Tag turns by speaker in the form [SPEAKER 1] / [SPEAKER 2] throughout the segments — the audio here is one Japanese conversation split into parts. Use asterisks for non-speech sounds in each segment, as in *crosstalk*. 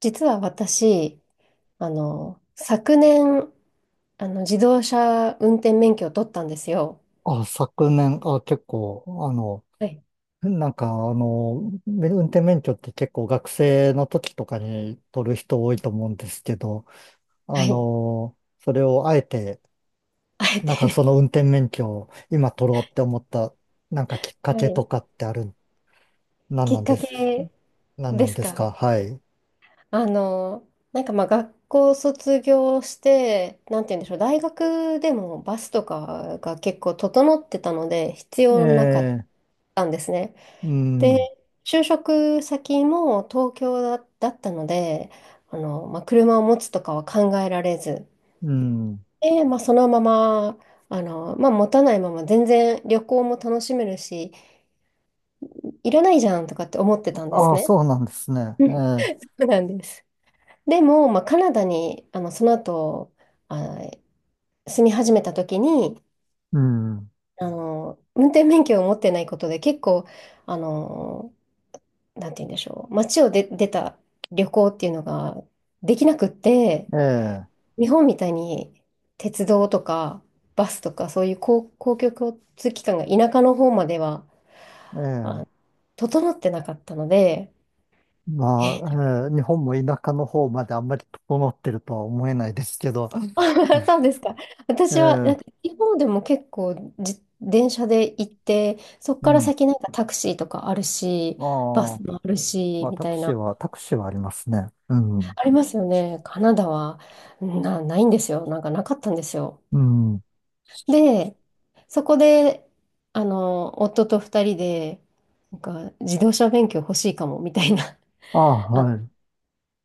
[SPEAKER 1] 実は私、昨年、自動車運転免許を取ったんですよ。
[SPEAKER 2] あ、昨年、あ、結構、
[SPEAKER 1] はい。
[SPEAKER 2] なんか、運転免許って結構学生の時とかに取る人多いと思うんですけど、
[SPEAKER 1] はい。
[SPEAKER 2] それをあえて、
[SPEAKER 1] *laughs* あえ
[SPEAKER 2] なんか
[SPEAKER 1] て。
[SPEAKER 2] その運転免許を今取ろうって思った、なんかきっ
[SPEAKER 1] *laughs*
[SPEAKER 2] か
[SPEAKER 1] は
[SPEAKER 2] けと
[SPEAKER 1] い。
[SPEAKER 2] かってある、なん
[SPEAKER 1] き
[SPEAKER 2] な
[SPEAKER 1] っ
[SPEAKER 2] ん
[SPEAKER 1] か
[SPEAKER 2] です、
[SPEAKER 1] け
[SPEAKER 2] なんな
[SPEAKER 1] で
[SPEAKER 2] ん
[SPEAKER 1] す
[SPEAKER 2] です
[SPEAKER 1] か？
[SPEAKER 2] か、はい。
[SPEAKER 1] あの、なんかまあ学校卒業して、なんて言うんでしょう、大学でもバスとかが結構整ってたので、必
[SPEAKER 2] え
[SPEAKER 1] 要なかっ
[SPEAKER 2] え、
[SPEAKER 1] たんですね。
[SPEAKER 2] う
[SPEAKER 1] で、
[SPEAKER 2] ん、
[SPEAKER 1] 就職先も東京だ、だったので、まあ、車を持つとかは考えられず、
[SPEAKER 2] うん。
[SPEAKER 1] で、まあ、そのまま、まあ、持たないまま全然旅行も楽しめるし、いらないじゃんとかって思ってたんです
[SPEAKER 2] ああ、
[SPEAKER 1] ね。
[SPEAKER 2] そうなんですね。
[SPEAKER 1] う
[SPEAKER 2] え
[SPEAKER 1] ん、そ
[SPEAKER 2] え、
[SPEAKER 1] うなんです。でも、まあ、カナダに、その後、あ、住み始めた時に、
[SPEAKER 2] うん、
[SPEAKER 1] 運転免許を持ってないことで結構、あの、なんて言うんでしょう、街をで出た旅行っていうのができなくって、
[SPEAKER 2] ええ、
[SPEAKER 1] 日本みたいに鉄道とか、バスとかそういう公共交通機関が田舎の方までは、
[SPEAKER 2] え
[SPEAKER 1] あ、
[SPEAKER 2] え。
[SPEAKER 1] 整ってなかったので、え。
[SPEAKER 2] まあ、日本も田舎の方まであんまり整ってるとは思えないですけど、
[SPEAKER 1] *laughs*、そうですか。
[SPEAKER 2] え
[SPEAKER 1] 私は、なん
[SPEAKER 2] ー
[SPEAKER 1] か、地方でも結構、電車で行って、そっ
[SPEAKER 2] う
[SPEAKER 1] から
[SPEAKER 2] ん。
[SPEAKER 1] 先なんかタクシーとかあるし、
[SPEAKER 2] あ
[SPEAKER 1] バ
[SPEAKER 2] あ、
[SPEAKER 1] スもあるし、
[SPEAKER 2] まあ
[SPEAKER 1] みたいな、
[SPEAKER 2] タクシーはありますね。うん。
[SPEAKER 1] ありますよね。カナダは、ないんですよ。なんかなかったんですよ。
[SPEAKER 2] うん。
[SPEAKER 1] で、そこで、夫と二人で、なんか、自動車免許欲しいかも、みたいな、
[SPEAKER 2] ああ、
[SPEAKER 1] *laughs* あ、
[SPEAKER 2] はい。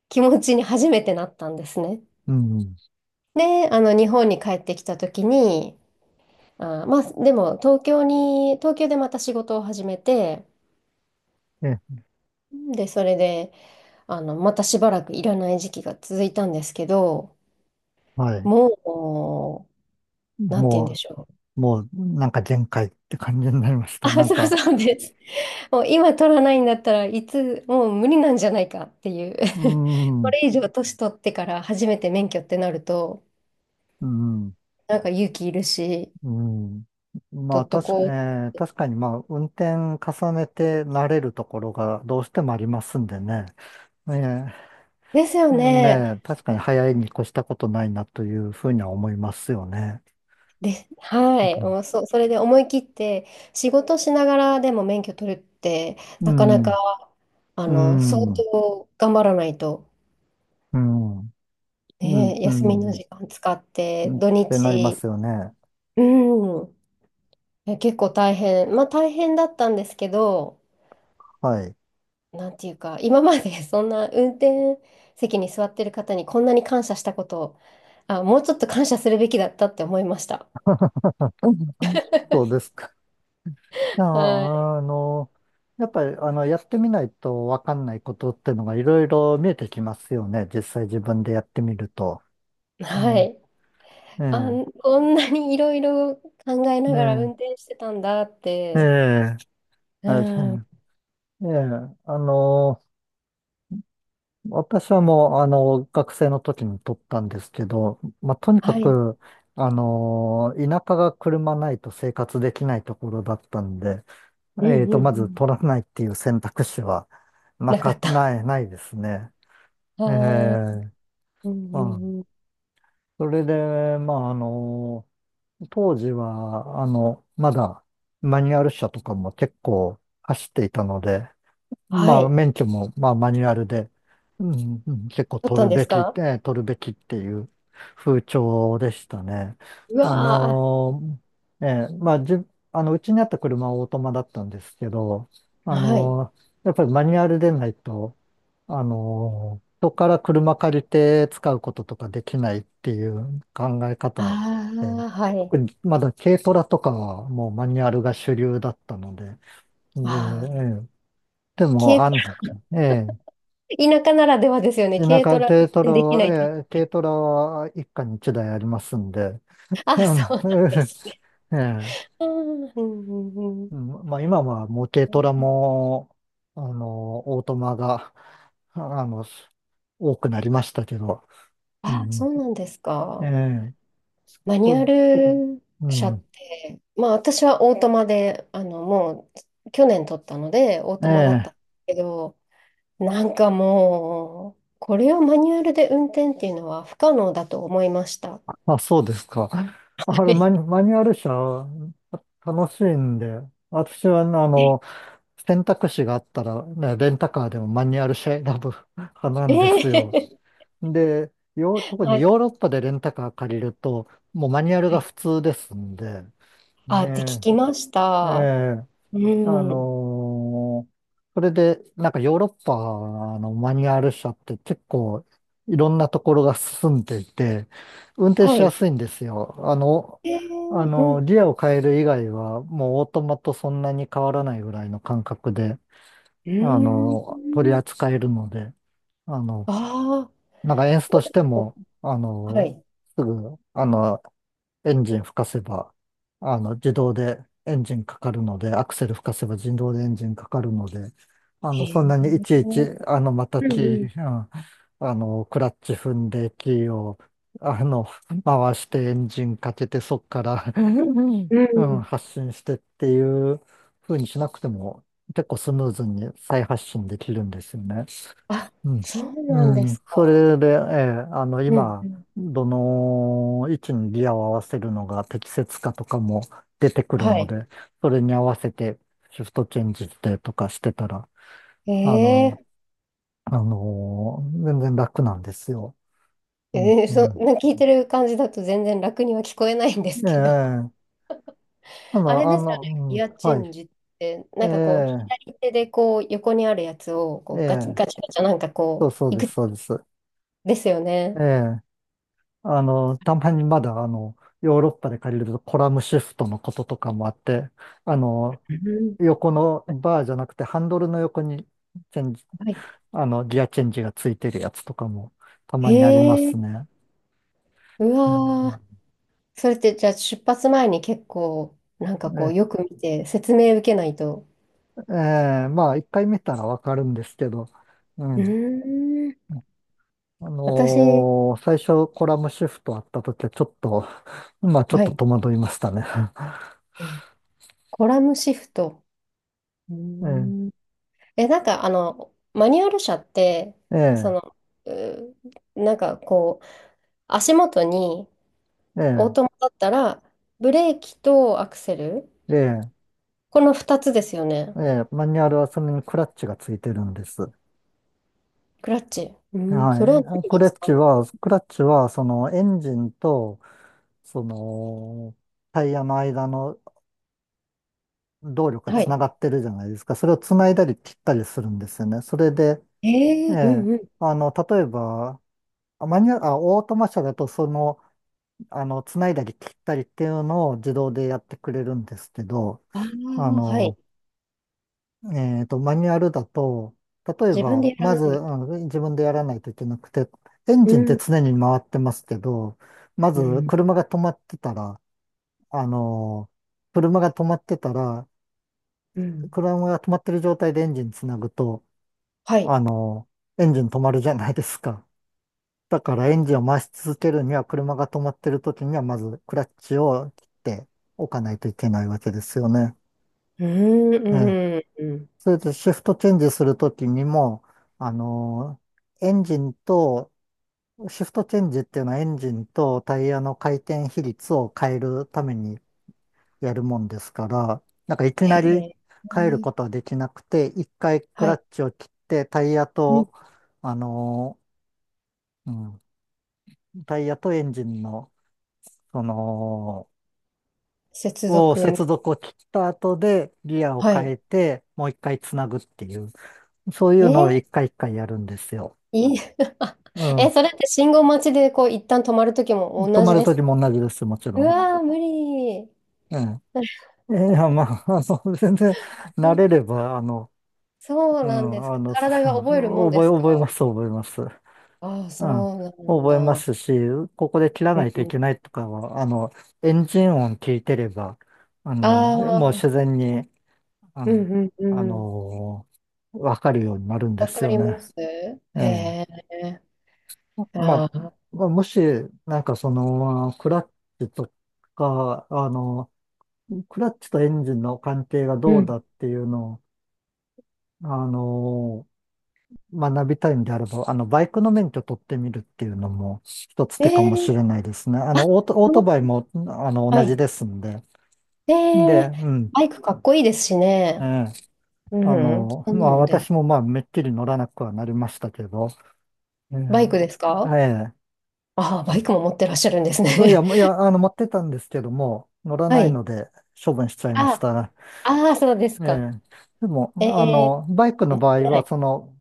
[SPEAKER 1] 気持ちに初めてなったんですね。
[SPEAKER 2] うん。
[SPEAKER 1] で、日本に帰ってきた時に、あー、まあ、でも、東京でまた仕事を始めて、
[SPEAKER 2] え、
[SPEAKER 1] で、それで、またしばらくいらない時期が続いたんですけど、
[SPEAKER 2] はい。
[SPEAKER 1] もう、なんて言うんで
[SPEAKER 2] も
[SPEAKER 1] しょう。
[SPEAKER 2] もう、なんか限界って感じになりまし
[SPEAKER 1] あ、
[SPEAKER 2] た。なん
[SPEAKER 1] そう
[SPEAKER 2] か、
[SPEAKER 1] そうです。もう今取らないんだったらいつ、もう無理なんじゃないかっていう。
[SPEAKER 2] う
[SPEAKER 1] *laughs*
[SPEAKER 2] ん、
[SPEAKER 1] こ
[SPEAKER 2] う
[SPEAKER 1] れ以上年取ってから初めて免許ってなると、
[SPEAKER 2] ん、
[SPEAKER 1] なんか勇気いるし、
[SPEAKER 2] うん。まあ、
[SPEAKER 1] 取っとこう。
[SPEAKER 2] 確かに、まあ、運転重ねて慣れるところがどうしてもありますんでね。ええ
[SPEAKER 1] ですよ
[SPEAKER 2] ね
[SPEAKER 1] ね。
[SPEAKER 2] え、確かに早いに越したことないなというふうには思いますよね。
[SPEAKER 1] で、*laughs* はい、もう、それで思い切って仕事しながらでも免許取るって
[SPEAKER 2] う
[SPEAKER 1] なかな
[SPEAKER 2] ん、う
[SPEAKER 1] か
[SPEAKER 2] ん、う
[SPEAKER 1] 相
[SPEAKER 2] ん、うん、
[SPEAKER 1] 当頑張らないと、
[SPEAKER 2] うん、うん
[SPEAKER 1] ね、休みの時間使って
[SPEAKER 2] うんっ
[SPEAKER 1] 土
[SPEAKER 2] てなりま
[SPEAKER 1] 日、
[SPEAKER 2] すよね。
[SPEAKER 1] うん、いや結構大変、まあ大変だったんですけど、
[SPEAKER 2] はい。
[SPEAKER 1] なんていうか今まで *laughs* そんな運転席に座ってる方にこんなに感謝したこと、あ、もうちょっと感謝するべきだったって思いました。
[SPEAKER 2] *laughs* うんそうですか。いや、
[SPEAKER 1] は
[SPEAKER 2] やっぱり、やってみないとわかんないことってのがいろいろ見えてきますよね。実際自分でやってみると。
[SPEAKER 1] い、は
[SPEAKER 2] ね
[SPEAKER 1] い、
[SPEAKER 2] え、
[SPEAKER 1] あ、
[SPEAKER 2] ね
[SPEAKER 1] こんなにいろいろ考え
[SPEAKER 2] え、
[SPEAKER 1] ながら運
[SPEAKER 2] ね
[SPEAKER 1] 転してたんだっ
[SPEAKER 2] え、え
[SPEAKER 1] て。
[SPEAKER 2] え、
[SPEAKER 1] う
[SPEAKER 2] あれ
[SPEAKER 1] ん。
[SPEAKER 2] ええ、あの、私はもう、学生の時に取ったんですけど、まあ、とにか
[SPEAKER 1] はい。
[SPEAKER 2] く、田舎が車ないと生活できないところだったんで、
[SPEAKER 1] うんうんう
[SPEAKER 2] まず
[SPEAKER 1] ん。
[SPEAKER 2] 取らないっていう選択肢は、
[SPEAKER 1] なかった。
[SPEAKER 2] ないですね。
[SPEAKER 1] あ
[SPEAKER 2] え
[SPEAKER 1] ー、
[SPEAKER 2] え
[SPEAKER 1] うん
[SPEAKER 2] う
[SPEAKER 1] う
[SPEAKER 2] ん。
[SPEAKER 1] んうん。
[SPEAKER 2] それで、まあ、当時は、まだ、マニュアル車とかも結構走っていたので、
[SPEAKER 1] は
[SPEAKER 2] まあ、
[SPEAKER 1] い。
[SPEAKER 2] 免許も、まあ、マニュアルで、うん、うん結構
[SPEAKER 1] 撮ったんですか？
[SPEAKER 2] 取るべきっていう風潮でしたね。
[SPEAKER 1] う
[SPEAKER 2] あ
[SPEAKER 1] わ
[SPEAKER 2] のまあ、じゅ、あの、うちにあった車はオートマだったんですけど、
[SPEAKER 1] ー。はい。
[SPEAKER 2] やっぱりマニュアルでないと、人から車借りて使うこととかできないっていう考え方
[SPEAKER 1] あ
[SPEAKER 2] で、
[SPEAKER 1] あ、はい。
[SPEAKER 2] 特にまだ軽トラとかはもうマニュアルが主流だったので、で、え
[SPEAKER 1] ああ。
[SPEAKER 2] えでも、
[SPEAKER 1] 軽ト
[SPEAKER 2] え
[SPEAKER 1] ラ、田舎ならではですよね。
[SPEAKER 2] え、
[SPEAKER 1] 軽トラ運
[SPEAKER 2] 軽トラ
[SPEAKER 1] 転できな
[SPEAKER 2] は、
[SPEAKER 1] いという。
[SPEAKER 2] ええ、軽トラは一家に一台ありますんで、*laughs* あ
[SPEAKER 1] あ、
[SPEAKER 2] の
[SPEAKER 1] そうなんですね。
[SPEAKER 2] ええ、
[SPEAKER 1] あー、うんうんうん。
[SPEAKER 2] うんまあ今はもう軽トラも、オートマが、あの、多くなりましたけど、う
[SPEAKER 1] あ、そ
[SPEAKER 2] ん、
[SPEAKER 1] うなんです
[SPEAKER 2] え
[SPEAKER 1] か。
[SPEAKER 2] え、
[SPEAKER 1] マ
[SPEAKER 2] そ
[SPEAKER 1] ニュア
[SPEAKER 2] う、
[SPEAKER 1] ル
[SPEAKER 2] う
[SPEAKER 1] 車っ
[SPEAKER 2] ん、
[SPEAKER 1] て、まあ私はオートマで、もう去年取ったのでオー
[SPEAKER 2] え
[SPEAKER 1] トマだった
[SPEAKER 2] え、
[SPEAKER 1] んですけど、なんかもう、これをマニュアルで運転っていうのは不可能だと思いました。は
[SPEAKER 2] まあ、そうですか。あれ、
[SPEAKER 1] い。
[SPEAKER 2] マニュアル車、楽しいんで、私は、選択肢があったら、ね、レンタカーでもマニュアル車選ぶ *laughs* 派な
[SPEAKER 1] え
[SPEAKER 2] んですよ。
[SPEAKER 1] え、
[SPEAKER 2] で、特
[SPEAKER 1] は
[SPEAKER 2] にヨー
[SPEAKER 1] い。
[SPEAKER 2] ロッパでレンタカー借りると、もうマニュアル
[SPEAKER 1] は
[SPEAKER 2] が
[SPEAKER 1] い。
[SPEAKER 2] 普通ですんで、
[SPEAKER 1] あ、って聞
[SPEAKER 2] ね
[SPEAKER 1] きまし
[SPEAKER 2] え、え
[SPEAKER 1] た。
[SPEAKER 2] え、
[SPEAKER 1] う
[SPEAKER 2] あ
[SPEAKER 1] ん。
[SPEAKER 2] のーそれで、なんかヨーロッパのマニュアル車って結構いろんなところが進んでいて、運転
[SPEAKER 1] は
[SPEAKER 2] しや
[SPEAKER 1] い。
[SPEAKER 2] すいんですよ。
[SPEAKER 1] ええ、うん。う
[SPEAKER 2] ギアを変える以外はもうオートマとそんなに変わらないぐらいの感覚で
[SPEAKER 1] ーん。
[SPEAKER 2] 取り扱えるので、あの、
[SPEAKER 1] ああ。
[SPEAKER 2] なんかエンスとしても、
[SPEAKER 1] はい。
[SPEAKER 2] すぐ、エンジン吹かせば、自動でエンジンかかるので、アクセル吹かせば自動でエンジンかかるので、
[SPEAKER 1] へ
[SPEAKER 2] そん
[SPEAKER 1] え。
[SPEAKER 2] なにいちいち、また
[SPEAKER 1] う
[SPEAKER 2] キ
[SPEAKER 1] んうん。
[SPEAKER 2] ー、うん、クラッチ踏んで、キーを、あの、回してエンジンかけて、そっから
[SPEAKER 1] う
[SPEAKER 2] うん、
[SPEAKER 1] ん、
[SPEAKER 2] 発信してっていう風にしなくても結構スムーズに再発信できるんですよね。
[SPEAKER 1] あ、
[SPEAKER 2] うん。
[SPEAKER 1] そうなんで
[SPEAKER 2] うん。
[SPEAKER 1] す
[SPEAKER 2] そ
[SPEAKER 1] か。
[SPEAKER 2] れで、ええ、
[SPEAKER 1] うんう
[SPEAKER 2] 今、
[SPEAKER 1] ん。
[SPEAKER 2] どの位置にギアを合わせるのが適切かとかも出てくる
[SPEAKER 1] は
[SPEAKER 2] の
[SPEAKER 1] い。
[SPEAKER 2] で、それに合わせてシフトチェンジしてとかしてたら、あ
[SPEAKER 1] え
[SPEAKER 2] の、全然楽なんですよ。う
[SPEAKER 1] え、
[SPEAKER 2] ん、
[SPEAKER 1] えー、
[SPEAKER 2] うん。
[SPEAKER 1] 聞いてる感じだと全然楽には聞こえないんです
[SPEAKER 2] え
[SPEAKER 1] けど。
[SPEAKER 2] え、た
[SPEAKER 1] *laughs* あ
[SPEAKER 2] だ、
[SPEAKER 1] れですよね、
[SPEAKER 2] う
[SPEAKER 1] ギ
[SPEAKER 2] ん、
[SPEAKER 1] アチ
[SPEAKER 2] は
[SPEAKER 1] ェン
[SPEAKER 2] い。
[SPEAKER 1] ジって、
[SPEAKER 2] え
[SPEAKER 1] なんかこう、
[SPEAKER 2] え、
[SPEAKER 1] 左手でこう、横にあるやつを、こ
[SPEAKER 2] え
[SPEAKER 1] う、ガチ
[SPEAKER 2] え、
[SPEAKER 1] ガチガチャなんか
[SPEAKER 2] そう
[SPEAKER 1] こう、
[SPEAKER 2] そう
[SPEAKER 1] い
[SPEAKER 2] で
[SPEAKER 1] く
[SPEAKER 2] す、
[SPEAKER 1] つ
[SPEAKER 2] そうです。
[SPEAKER 1] ですよ
[SPEAKER 2] え
[SPEAKER 1] ね。
[SPEAKER 2] え、たまにまだ、ヨーロッパで借りるとコラムシフトのこととかもあって、あの、
[SPEAKER 1] うん、
[SPEAKER 2] 横のバーじゃなくてハンドルの横にチェンジ、
[SPEAKER 1] はい。
[SPEAKER 2] あの、ギアチェンジがついてるやつとかもた
[SPEAKER 1] へ
[SPEAKER 2] まにありま
[SPEAKER 1] え、
[SPEAKER 2] すね。
[SPEAKER 1] う
[SPEAKER 2] う
[SPEAKER 1] わー。
[SPEAKER 2] ん
[SPEAKER 1] それってじゃあ出発前に結構、なんかこ
[SPEAKER 2] ね
[SPEAKER 1] う、よく見て説明受けないと。
[SPEAKER 2] ええ、まあ、一回見たらわかるんですけど、う
[SPEAKER 1] う
[SPEAKER 2] ん。
[SPEAKER 1] ーん。私、
[SPEAKER 2] 最初コラムシフトあった時はちょっと、まあちょっ
[SPEAKER 1] は
[SPEAKER 2] と
[SPEAKER 1] い。
[SPEAKER 2] 戸惑いましたね。
[SPEAKER 1] えー、コラムシフト。うー
[SPEAKER 2] *laughs*
[SPEAKER 1] ん、え、なんかあの、マニュアル車って、
[SPEAKER 2] ええ、
[SPEAKER 1] そ
[SPEAKER 2] ええ、
[SPEAKER 1] の、う、なんかこう、足元にオート
[SPEAKER 2] え
[SPEAKER 1] マだったら、ブレーキとアクセル、
[SPEAKER 2] え、ええ
[SPEAKER 1] この2つですよね。
[SPEAKER 2] ええ、マニュアルはそれにクラッチがついてるんです。
[SPEAKER 1] クラッチ。うん、それは
[SPEAKER 2] はい。
[SPEAKER 1] 何に使うの？
[SPEAKER 2] クラッチは、そのエンジンと、その、タイヤの間の動力が
[SPEAKER 1] は
[SPEAKER 2] つな
[SPEAKER 1] い。
[SPEAKER 2] がってるじゃないですか。それをつないだり切ったりするんですよね。それで、
[SPEAKER 1] え
[SPEAKER 2] え
[SPEAKER 1] え、う
[SPEAKER 2] え、
[SPEAKER 1] んうん。
[SPEAKER 2] 例えば、あマニュアル、あ、オートマ車だと、その、つないだり切ったりっていうのを自動でやってくれるんですけど、
[SPEAKER 1] あ
[SPEAKER 2] あ
[SPEAKER 1] あ、はい。
[SPEAKER 2] の、マニュアルだと、例え
[SPEAKER 1] 自分
[SPEAKER 2] ば、
[SPEAKER 1] で選
[SPEAKER 2] ま
[SPEAKER 1] ん
[SPEAKER 2] ず、
[SPEAKER 1] でいく
[SPEAKER 2] 自分でやらないといけなくて、エン
[SPEAKER 1] う
[SPEAKER 2] ジンって
[SPEAKER 1] ん、
[SPEAKER 2] 常に回ってますけど、ま
[SPEAKER 1] う
[SPEAKER 2] ず、
[SPEAKER 1] ん、
[SPEAKER 2] あの車が止まってたら、
[SPEAKER 1] うん。
[SPEAKER 2] 車が止まってる状態でエンジンつなぐと、
[SPEAKER 1] はい。
[SPEAKER 2] あのエンジン止まるじゃないですか。だから、エンジンを回し続けるには、車が止まってる時には、まず、クラッチを切っておかないといけないわけですよね。
[SPEAKER 1] うん、
[SPEAKER 2] ええ
[SPEAKER 1] うん、うん。
[SPEAKER 2] それでシフトチェンジするときにも、あのエンジンと、シフトチェンジっていうのはエンジンとタイヤの回転比率を変えるためにやるもんですから、なんかいき
[SPEAKER 1] へ
[SPEAKER 2] なり
[SPEAKER 1] え。
[SPEAKER 2] 変える
[SPEAKER 1] へえ、
[SPEAKER 2] ことはできなくて、一回ク
[SPEAKER 1] は
[SPEAKER 2] ラ
[SPEAKER 1] い。
[SPEAKER 2] ッチを切ってタイヤ
[SPEAKER 1] うん、
[SPEAKER 2] と、あのうん、タイヤとエンジンの、その、
[SPEAKER 1] 接続
[SPEAKER 2] 接
[SPEAKER 1] み。
[SPEAKER 2] 続を切った後でギアを
[SPEAKER 1] は
[SPEAKER 2] 変
[SPEAKER 1] い。
[SPEAKER 2] えて、もう一回つなぐっていう、そうい
[SPEAKER 1] え
[SPEAKER 2] うの
[SPEAKER 1] ー、
[SPEAKER 2] を一回一回やるんですよ。
[SPEAKER 1] *laughs* いい。
[SPEAKER 2] う
[SPEAKER 1] *laughs* え、
[SPEAKER 2] ん。
[SPEAKER 1] それって信号待ちでこう一旦止まるときも
[SPEAKER 2] 泊
[SPEAKER 1] 同
[SPEAKER 2] ま
[SPEAKER 1] じ
[SPEAKER 2] る
[SPEAKER 1] で
[SPEAKER 2] と
[SPEAKER 1] す
[SPEAKER 2] き
[SPEAKER 1] か？
[SPEAKER 2] も同じです、もち
[SPEAKER 1] う
[SPEAKER 2] ろん。
[SPEAKER 1] わー、無理。
[SPEAKER 2] ええ。いや、まあ、*laughs* 全然慣
[SPEAKER 1] え、
[SPEAKER 2] れれば、
[SPEAKER 1] そう
[SPEAKER 2] う
[SPEAKER 1] なんです
[SPEAKER 2] ん、
[SPEAKER 1] か？
[SPEAKER 2] *laughs* す
[SPEAKER 1] 体が覚えるもんで
[SPEAKER 2] 覚え、
[SPEAKER 1] すか？
[SPEAKER 2] 覚えます、覚えます。
[SPEAKER 1] ああ、そ
[SPEAKER 2] うん、
[SPEAKER 1] うなん
[SPEAKER 2] 覚えま
[SPEAKER 1] だ。
[SPEAKER 2] すし、ここで切ら
[SPEAKER 1] うん
[SPEAKER 2] ないとい
[SPEAKER 1] うん。
[SPEAKER 2] けないとかは、エンジン音聞いてれば、
[SPEAKER 1] あ
[SPEAKER 2] もう自
[SPEAKER 1] あ、
[SPEAKER 2] 然に、う
[SPEAKER 1] う
[SPEAKER 2] ん、
[SPEAKER 1] んうん
[SPEAKER 2] あ
[SPEAKER 1] うん。
[SPEAKER 2] の、わかるようになるんで
[SPEAKER 1] わ
[SPEAKER 2] す
[SPEAKER 1] か
[SPEAKER 2] よ
[SPEAKER 1] りま
[SPEAKER 2] ね。
[SPEAKER 1] す？
[SPEAKER 2] ええ。
[SPEAKER 1] へえ。
[SPEAKER 2] ま
[SPEAKER 1] あ
[SPEAKER 2] あ、
[SPEAKER 1] あ、
[SPEAKER 2] まあ、もし、なんかその、チとか、あの、クラッチとエンジンの関係が
[SPEAKER 1] う
[SPEAKER 2] どう
[SPEAKER 1] ん。
[SPEAKER 2] だっていうのを、あのー学びたいんであれば、バイクの免許取ってみるっていうのも一つ
[SPEAKER 1] え
[SPEAKER 2] 手かもし
[SPEAKER 1] え、
[SPEAKER 2] れないですね。
[SPEAKER 1] あ、
[SPEAKER 2] オー
[SPEAKER 1] そ
[SPEAKER 2] トバイ
[SPEAKER 1] う、
[SPEAKER 2] も、
[SPEAKER 1] は
[SPEAKER 2] 同じ
[SPEAKER 1] い。
[SPEAKER 2] ですんで。
[SPEAKER 1] え
[SPEAKER 2] で、
[SPEAKER 1] え、
[SPEAKER 2] うん。
[SPEAKER 1] バイクかっこいいですし
[SPEAKER 2] え
[SPEAKER 1] ね。
[SPEAKER 2] え、
[SPEAKER 1] うん。そん
[SPEAKER 2] ま
[SPEAKER 1] な
[SPEAKER 2] あ、
[SPEAKER 1] ので。
[SPEAKER 2] 私もまあ、めっきり乗らなくはなりましたけど、え
[SPEAKER 1] バイクです
[SPEAKER 2] え、
[SPEAKER 1] か？
[SPEAKER 2] え
[SPEAKER 1] ああ、バイクも持ってらっしゃるんです
[SPEAKER 2] え、いや、
[SPEAKER 1] ね。
[SPEAKER 2] いや、持ってたんですけども、乗
[SPEAKER 1] *laughs*
[SPEAKER 2] ら
[SPEAKER 1] は
[SPEAKER 2] ないの
[SPEAKER 1] い。
[SPEAKER 2] で処分しちゃいまし
[SPEAKER 1] あ、
[SPEAKER 2] た。
[SPEAKER 1] ああ、そうです
[SPEAKER 2] え
[SPEAKER 1] か。
[SPEAKER 2] え、でも、
[SPEAKER 1] ええ
[SPEAKER 2] バイク
[SPEAKER 1] ー、
[SPEAKER 2] の
[SPEAKER 1] やっ
[SPEAKER 2] 場
[SPEAKER 1] て
[SPEAKER 2] 合
[SPEAKER 1] な
[SPEAKER 2] は、
[SPEAKER 1] い。
[SPEAKER 2] その、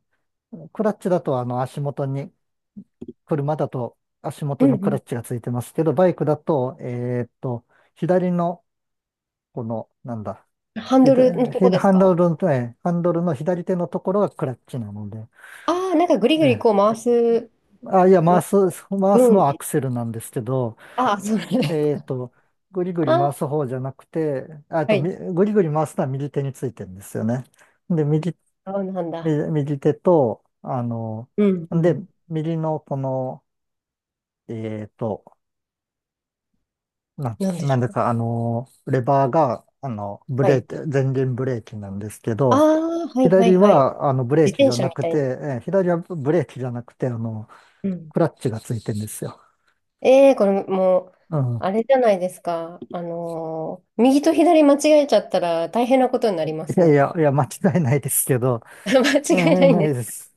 [SPEAKER 2] クラッチだと足元に、車だと足
[SPEAKER 1] う
[SPEAKER 2] 元
[SPEAKER 1] ん
[SPEAKER 2] にクラ
[SPEAKER 1] う
[SPEAKER 2] ッチがついてますけど、バイクだと、左の、この、なんだ、
[SPEAKER 1] ん。ハンドルのとこですか？
[SPEAKER 2] ハンドルの左手のところがクラッチなので、
[SPEAKER 1] ああー、なんかぐりぐり
[SPEAKER 2] ね、
[SPEAKER 1] こう回す、
[SPEAKER 2] あ、いや、
[SPEAKER 1] なんか
[SPEAKER 2] 回
[SPEAKER 1] ブ
[SPEAKER 2] す
[SPEAKER 1] ー
[SPEAKER 2] の
[SPEAKER 1] ンっ
[SPEAKER 2] はア
[SPEAKER 1] て。
[SPEAKER 2] クセルなんですけど、
[SPEAKER 1] ああ、そうなんで
[SPEAKER 2] えーっ
[SPEAKER 1] す。
[SPEAKER 2] と、ぐりぐ
[SPEAKER 1] あ
[SPEAKER 2] り回
[SPEAKER 1] あ、
[SPEAKER 2] す方じゃなくて、ああ
[SPEAKER 1] は
[SPEAKER 2] と、
[SPEAKER 1] い。
[SPEAKER 2] みぐりぐり回すのは右手についてるんですよね。で、
[SPEAKER 1] ああ、なんだ。
[SPEAKER 2] 右手と、
[SPEAKER 1] うんう
[SPEAKER 2] で、
[SPEAKER 1] ん。
[SPEAKER 2] 右のこの、えーっと、
[SPEAKER 1] なんで
[SPEAKER 2] な
[SPEAKER 1] し
[SPEAKER 2] んで
[SPEAKER 1] ょう。
[SPEAKER 2] か、レバーが、ブ
[SPEAKER 1] は
[SPEAKER 2] レー
[SPEAKER 1] い。
[SPEAKER 2] キ、前輪ブレーキなんですけ
[SPEAKER 1] あ
[SPEAKER 2] ど、
[SPEAKER 1] あ、はいは
[SPEAKER 2] 左
[SPEAKER 1] いはい。
[SPEAKER 2] は、あの、ブレー
[SPEAKER 1] 自
[SPEAKER 2] キ
[SPEAKER 1] 転
[SPEAKER 2] じゃ
[SPEAKER 1] 車み
[SPEAKER 2] なく
[SPEAKER 1] たいな。
[SPEAKER 2] て、えー左はブレーキじゃなくて、
[SPEAKER 1] うん。
[SPEAKER 2] クラッチがついてるんですよ。
[SPEAKER 1] ええー、これもう、
[SPEAKER 2] うん。
[SPEAKER 1] あれじゃないですか。右と左間違えちゃったら大変なことになりま
[SPEAKER 2] い
[SPEAKER 1] す
[SPEAKER 2] やい
[SPEAKER 1] ね。
[SPEAKER 2] や、いや、間違いないですけど、
[SPEAKER 1] *laughs* 間違
[SPEAKER 2] う
[SPEAKER 1] え
[SPEAKER 2] ん、
[SPEAKER 1] な
[SPEAKER 2] うん
[SPEAKER 1] いん
[SPEAKER 2] な
[SPEAKER 1] で
[SPEAKER 2] いで
[SPEAKER 1] す。
[SPEAKER 2] す。